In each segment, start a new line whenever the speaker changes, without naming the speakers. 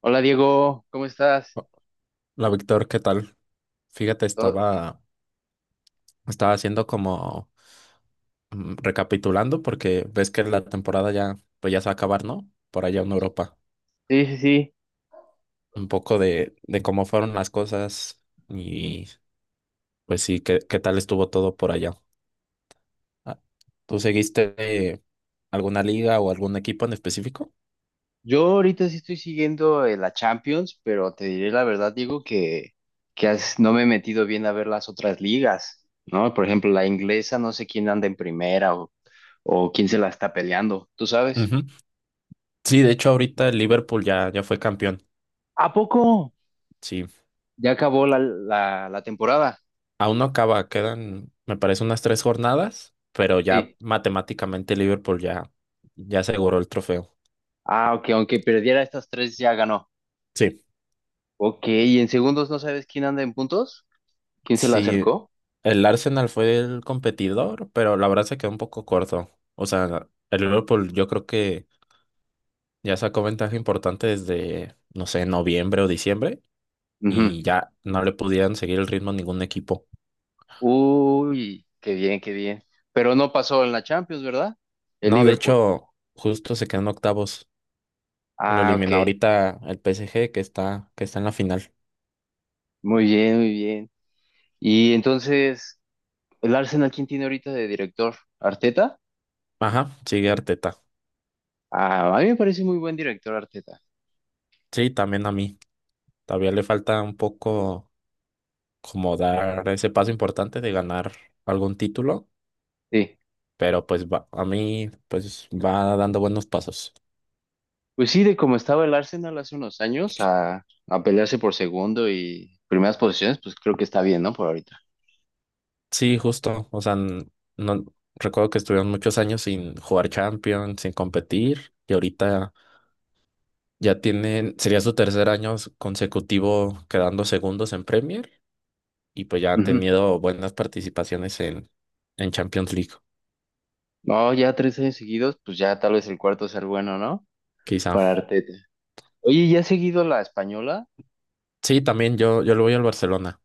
Hola Diego, ¿cómo estás?
Hola Víctor, ¿qué tal? Fíjate,
To-
estaba haciendo como recapitulando porque ves que la temporada ya, pues ya se va a acabar, ¿no? Por allá en Europa.
Sí, sí, sí.
Un poco de cómo fueron las cosas y pues sí, qué tal estuvo todo por allá. Ah, ¿tú seguiste alguna liga o algún equipo en específico?
Yo ahorita sí estoy siguiendo la Champions, pero te diré la verdad, Diego, que no me he metido bien a ver las otras ligas, ¿no? Por ejemplo, la inglesa, no sé quién anda en primera o quién se la está peleando, ¿tú sabes?
Ujú. Sí, de hecho ahorita el Liverpool ya fue campeón.
¿A poco?
Sí.
Ya acabó la temporada.
Aún no acaba, quedan, me parece, unas 3 jornadas, pero ya
Sí.
matemáticamente Liverpool ya aseguró el trofeo.
Ah, ok, aunque perdiera estas tres ya ganó.
Sí,
Ok, ¿y en segundos no sabes quién anda en puntos? ¿Quién se la
sí,
acercó?
el Arsenal fue el competidor, pero la verdad se quedó un poco corto. O sea, el Liverpool yo creo que ya sacó ventaja importante desde, no sé, noviembre o diciembre
Ujú.
y ya no le podían seguir el ritmo a ningún equipo.
Uy, qué bien, qué bien. Pero no pasó en la Champions, ¿verdad? El
No, de
Liverpool.
hecho, justo se quedan octavos. Lo
Ah, ok.
eliminó ahorita el PSG que está en la final.
Muy bien, muy bien. Y entonces, ¿el Arsenal quién tiene ahorita de director? ¿Arteta?
Ajá, sigue Arteta.
Ah, a mí me parece muy buen director Arteta.
Sí, también a mí. Todavía le falta un poco como dar ese paso importante de ganar algún título,
Sí.
pero pues va, a mí pues va dando buenos pasos.
Pues sí, de cómo estaba el Arsenal hace unos años a pelearse por segundo y primeras posiciones, pues creo que está bien, ¿no? Por ahorita.
Sí, justo. O sea, no recuerdo que estuvieron muchos años sin jugar Champions, sin competir, y ahorita ya tienen, sería su tercer año consecutivo quedando segundos en Premier, y pues ya han
Ujú.
tenido buenas participaciones en Champions League,
No, ya tres años seguidos, pues ya tal vez el cuarto sea el bueno, ¿no?
quizá.
Para Arteta. Oye, ¿ya has seguido la española?
Sí, también yo le voy al Barcelona.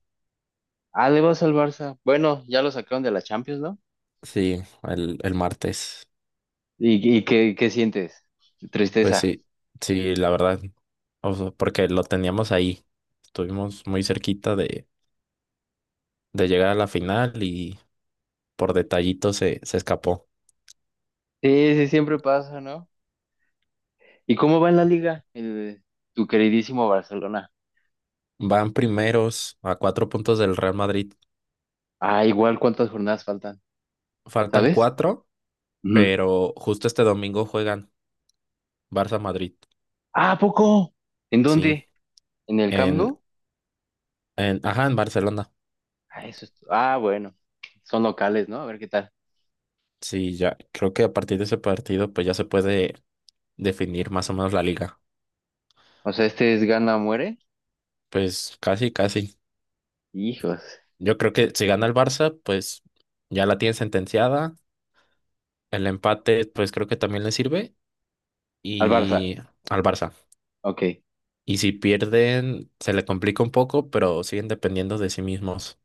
Ah, le vas al Barça. Bueno, ya lo sacaron de la Champions, ¿no?
Sí, el martes.
Y qué, qué sientes?
Pues
Tristeza.
sí, sí, la verdad. O sea, porque lo teníamos ahí. Estuvimos muy cerquita de llegar a la final y por detallito se escapó.
Sí, sí, siempre pasa, ¿no? ¿Y cómo va en la liga? Tu queridísimo Barcelona.
Van primeros a 4 puntos del Real Madrid.
Ah, igual cuántas jornadas faltan,
Faltan
¿sabes?
cuatro,
Ujú.
pero justo este domingo juegan Barça-Madrid.
Ah, ¿a poco? ¿En
Sí,
dónde? ¿En el Camp
en,
Nou?
ajá, en Barcelona.
Ah, ah, bueno. Son locales, ¿no? A ver qué tal.
Sí, ya creo que a partir de ese partido pues ya se puede definir más o menos la liga.
O sea, este es gana o muere.
Pues casi, casi.
Hijos.
Yo creo que si gana el Barça, pues ya la tiene sentenciada. El empate, pues creo que también le sirve.
Al Barça.
Y al Barça.
Ok.
Y si pierden, se le complica un poco, pero siguen dependiendo de sí mismos.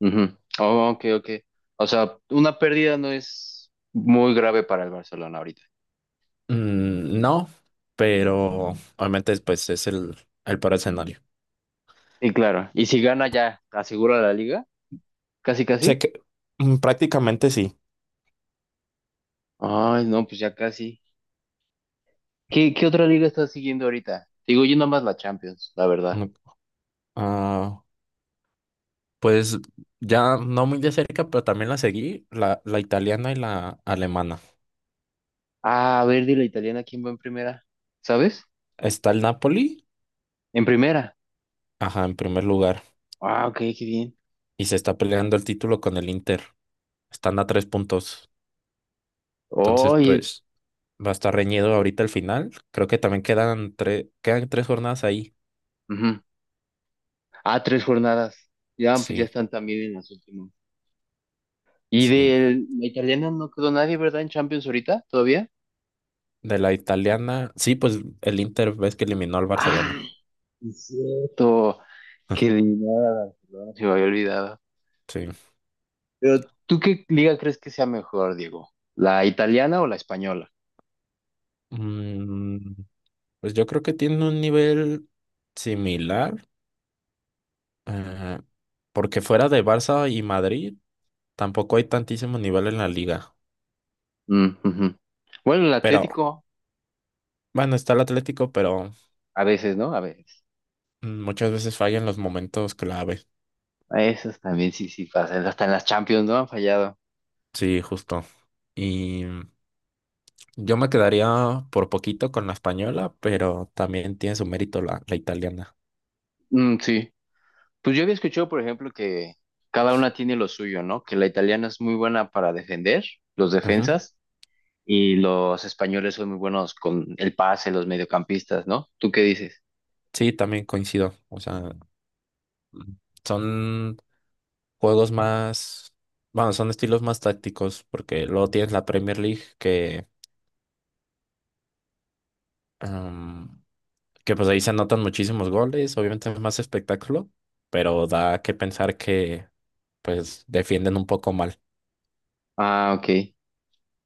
Ujú. Oh, ok, ok. O sea, una pérdida no es muy grave para el Barcelona ahorita.
No, pero obviamente pues es el peor escenario.
Y claro, y si gana ya asegura la liga, casi
Sé
casi.
que prácticamente sí.
Ay, no, pues ya casi. ¿Qué, qué otra liga estás siguiendo ahorita? Digo, yo nomás la Champions, la verdad.
Mm, ah, pues ya no muy de cerca, pero también la seguí, la italiana y la alemana.
Ah, a ver, de la italiana, ¿quién va en primera? ¿Sabes?
Está el Napoli,
En primera.
ajá, en primer lugar.
Ah, ok, qué bien.
Y se está peleando el título con el Inter. Están a 3 puntos. Entonces,
Oye,
pues va a estar reñido ahorita el final. Creo que también quedan 3 jornadas ahí.
ujú. Ah, tres jornadas. Ya, pues ya
Sí,
están también en las últimas. Y
sí.
de la italiana no quedó nadie, ¿verdad? En Champions ahorita, todavía.
De la italiana. Sí, pues el Inter ves que eliminó al Barcelona.
Ah, es cierto, que eliminaron a Barcelona, se me había olvidado.
Sí.
Pero, ¿tú qué liga crees que sea mejor, Diego? ¿La italiana o la española?
Mm, pues yo creo que tiene un nivel similar. eh, Porque fuera de Barça y Madrid, tampoco hay tantísimo nivel en la liga.
Mm, ujú. Bueno, el
Pero,
Atlético,
bueno, está el Atlético, pero
a veces, ¿no? A veces.
muchas veces falla en los momentos clave.
A esas también sí, sí pasan. Hasta en las Champions, ¿no? Han fallado.
Sí, justo. Y yo me quedaría por poquito con la española, pero también tiene su mérito la italiana.
Mm, sí. Pues yo había escuchado, por ejemplo, que cada una tiene lo suyo, ¿no? Que la italiana es muy buena para defender, los
Ujú.
defensas, y los españoles son muy buenos con el pase, los mediocampistas, ¿no? ¿Tú qué dices?
Sí, también coincido. O sea, mm, son juegos más, bueno, son estilos más tácticos, porque luego tienes la Premier League em, que pues ahí se anotan muchísimos goles, obviamente es más espectáculo, pero da que pensar que pues defienden un poco mal.
Ah, ok.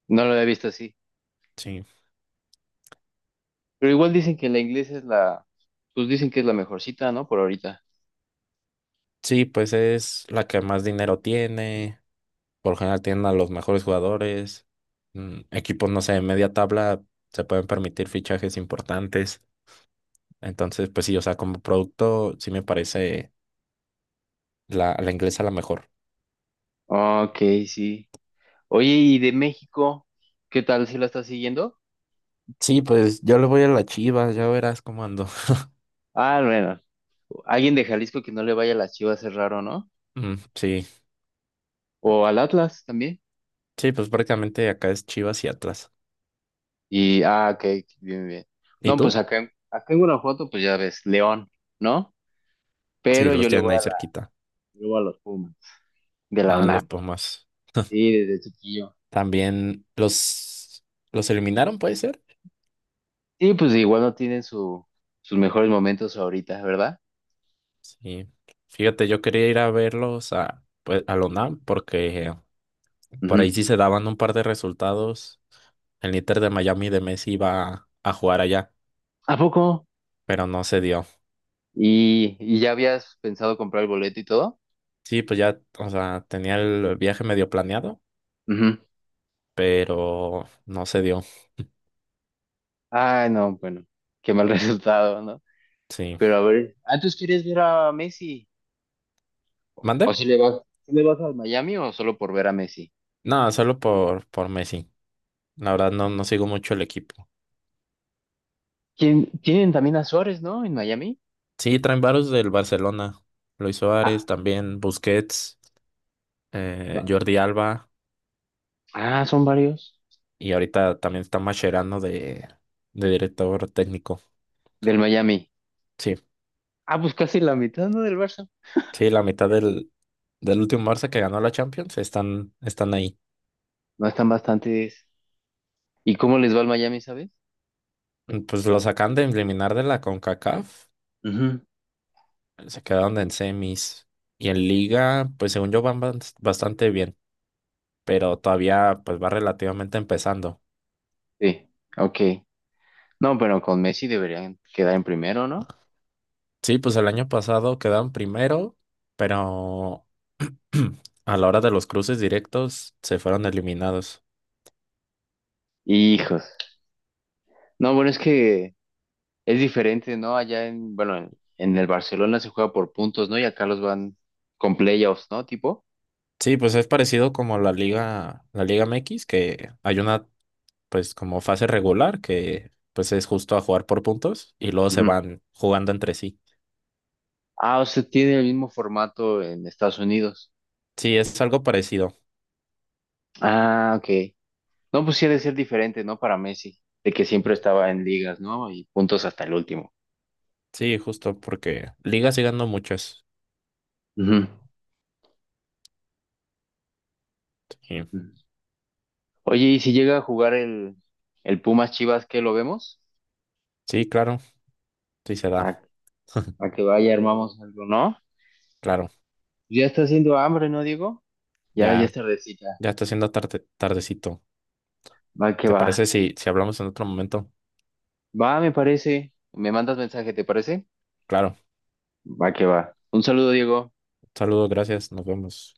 No lo había visto así.
Sí.
Pero igual dicen que la iglesia es la, pues dicen que es la mejorcita, ¿no? Por ahorita.
Sí, pues es la que más dinero tiene. Por lo general tienen a los mejores jugadores. Equipos, no sé, de media tabla se pueden permitir fichajes importantes. Entonces, pues sí, o sea, como producto, sí me parece la inglesa la mejor.
Ah, ok, sí. Oye, ¿y de México? ¿Qué tal si la estás siguiendo?
Sí, pues yo le voy a la Chivas, ya verás cómo ando.
Ah, bueno, alguien de Jalisco que no le vaya a las Chivas es raro, ¿no?
Mm, sí,
O al Atlas también.
sí, pues prácticamente acá es Chivas y Atlas.
Y, ah, ok, bien, bien.
¿Y
No, pues
tú?
acá, acá en Guanajuato, pues ya ves, León, ¿no?
Sí,
Pero
los
yo le
tienen
voy
ahí
a la,
cerquita.
le voy a los Pumas, de la
Ah, los
UNAM.
Pumas.
Sí, desde chiquillo.
También los eliminaron, puede ser.
Sí, pues igual no tienen su, sus mejores momentos ahorita, ¿verdad?
Sí. Fíjate, yo quería ir a verlos a, pues, a la UNAM porque por
Ujú.
ahí sí se daban un par de resultados. El Inter de Miami de Messi iba a jugar allá,
¿A poco?
pero no se dio.
Y ya habías pensado comprar el boleto y todo.
Sí, pues ya, o sea, tenía el viaje medio planeado,
Ujú.
pero no se dio.
Ay, no, bueno, qué mal resultado, ¿no?
Sí.
Pero a ver, ¿ah, tú quieres ver a Messi?
¿Mandé?
¿O si le vas, si le vas al Miami o solo por ver a Messi?
No, solo por Messi. La verdad no, no sigo mucho el equipo.
¿Quién, tienen también a Suárez, ¿no? En Miami.
Sí, traen varios del Barcelona. Luis Suárez,
Ah,
también Busquets,
no.
Jordi Alba,
Ah, son varios
y ahorita también está Mascherano de director técnico.
del Miami.
Sí,
Ah, pues casi la mitad, ¿no? Del Barça.
sí, la mitad del último Barça que ganó la Champions, están ahí.
No están bastantes. ¿Y cómo les va al Miami, sabes?
Pues los acaban de eliminar de la CONCACAF,
Ujú.
se quedaron en semis. Y en Liga, pues según yo van bastante bien, pero todavía pues va relativamente empezando.
Sí, ok. No, pero con Messi deberían quedar en primero, ¿no?
Sí, pues el año pasado quedaron primero, pero a la hora de los cruces directos se fueron eliminados.
Hijos. No, bueno, es que es diferente, ¿no? Allá en, bueno, en el Barcelona se juega por puntos, ¿no? Y acá los van con playoffs, ¿no? Tipo.
Sí, pues es parecido como la Liga MX, que hay una pues como fase regular, que pues es justo a jugar por puntos y luego se
Ujú.
van jugando entre sí.
Ah, o sea, tiene el mismo formato en Estados Unidos.
Sí, es algo parecido.
Ah, ok. No, pues sí ha de ser diferente, ¿no? Para Messi, de que siempre estaba en ligas, ¿no? Y puntos hasta el último.
Sí, justo porque ligas sigue dando muchas.
Ujú.
Sí,
Ujú. Oye, ¿y si llega a jugar el Pumas Chivas, qué lo vemos?
sí, claro, sí se
A,
da,
a que vaya, armamos algo, ¿no?
claro.
Ya está haciendo hambre, ¿no, Diego? Ya, ya
Ya,
es tardecita.
ya está siendo tarde, tardecito.
Va que
¿Te
va.
parece si hablamos en otro momento?
Va, me parece. Me mandas mensaje, ¿te parece?
Claro.
Va que va. Un saludo, Diego.
Saludos, gracias, nos vemos.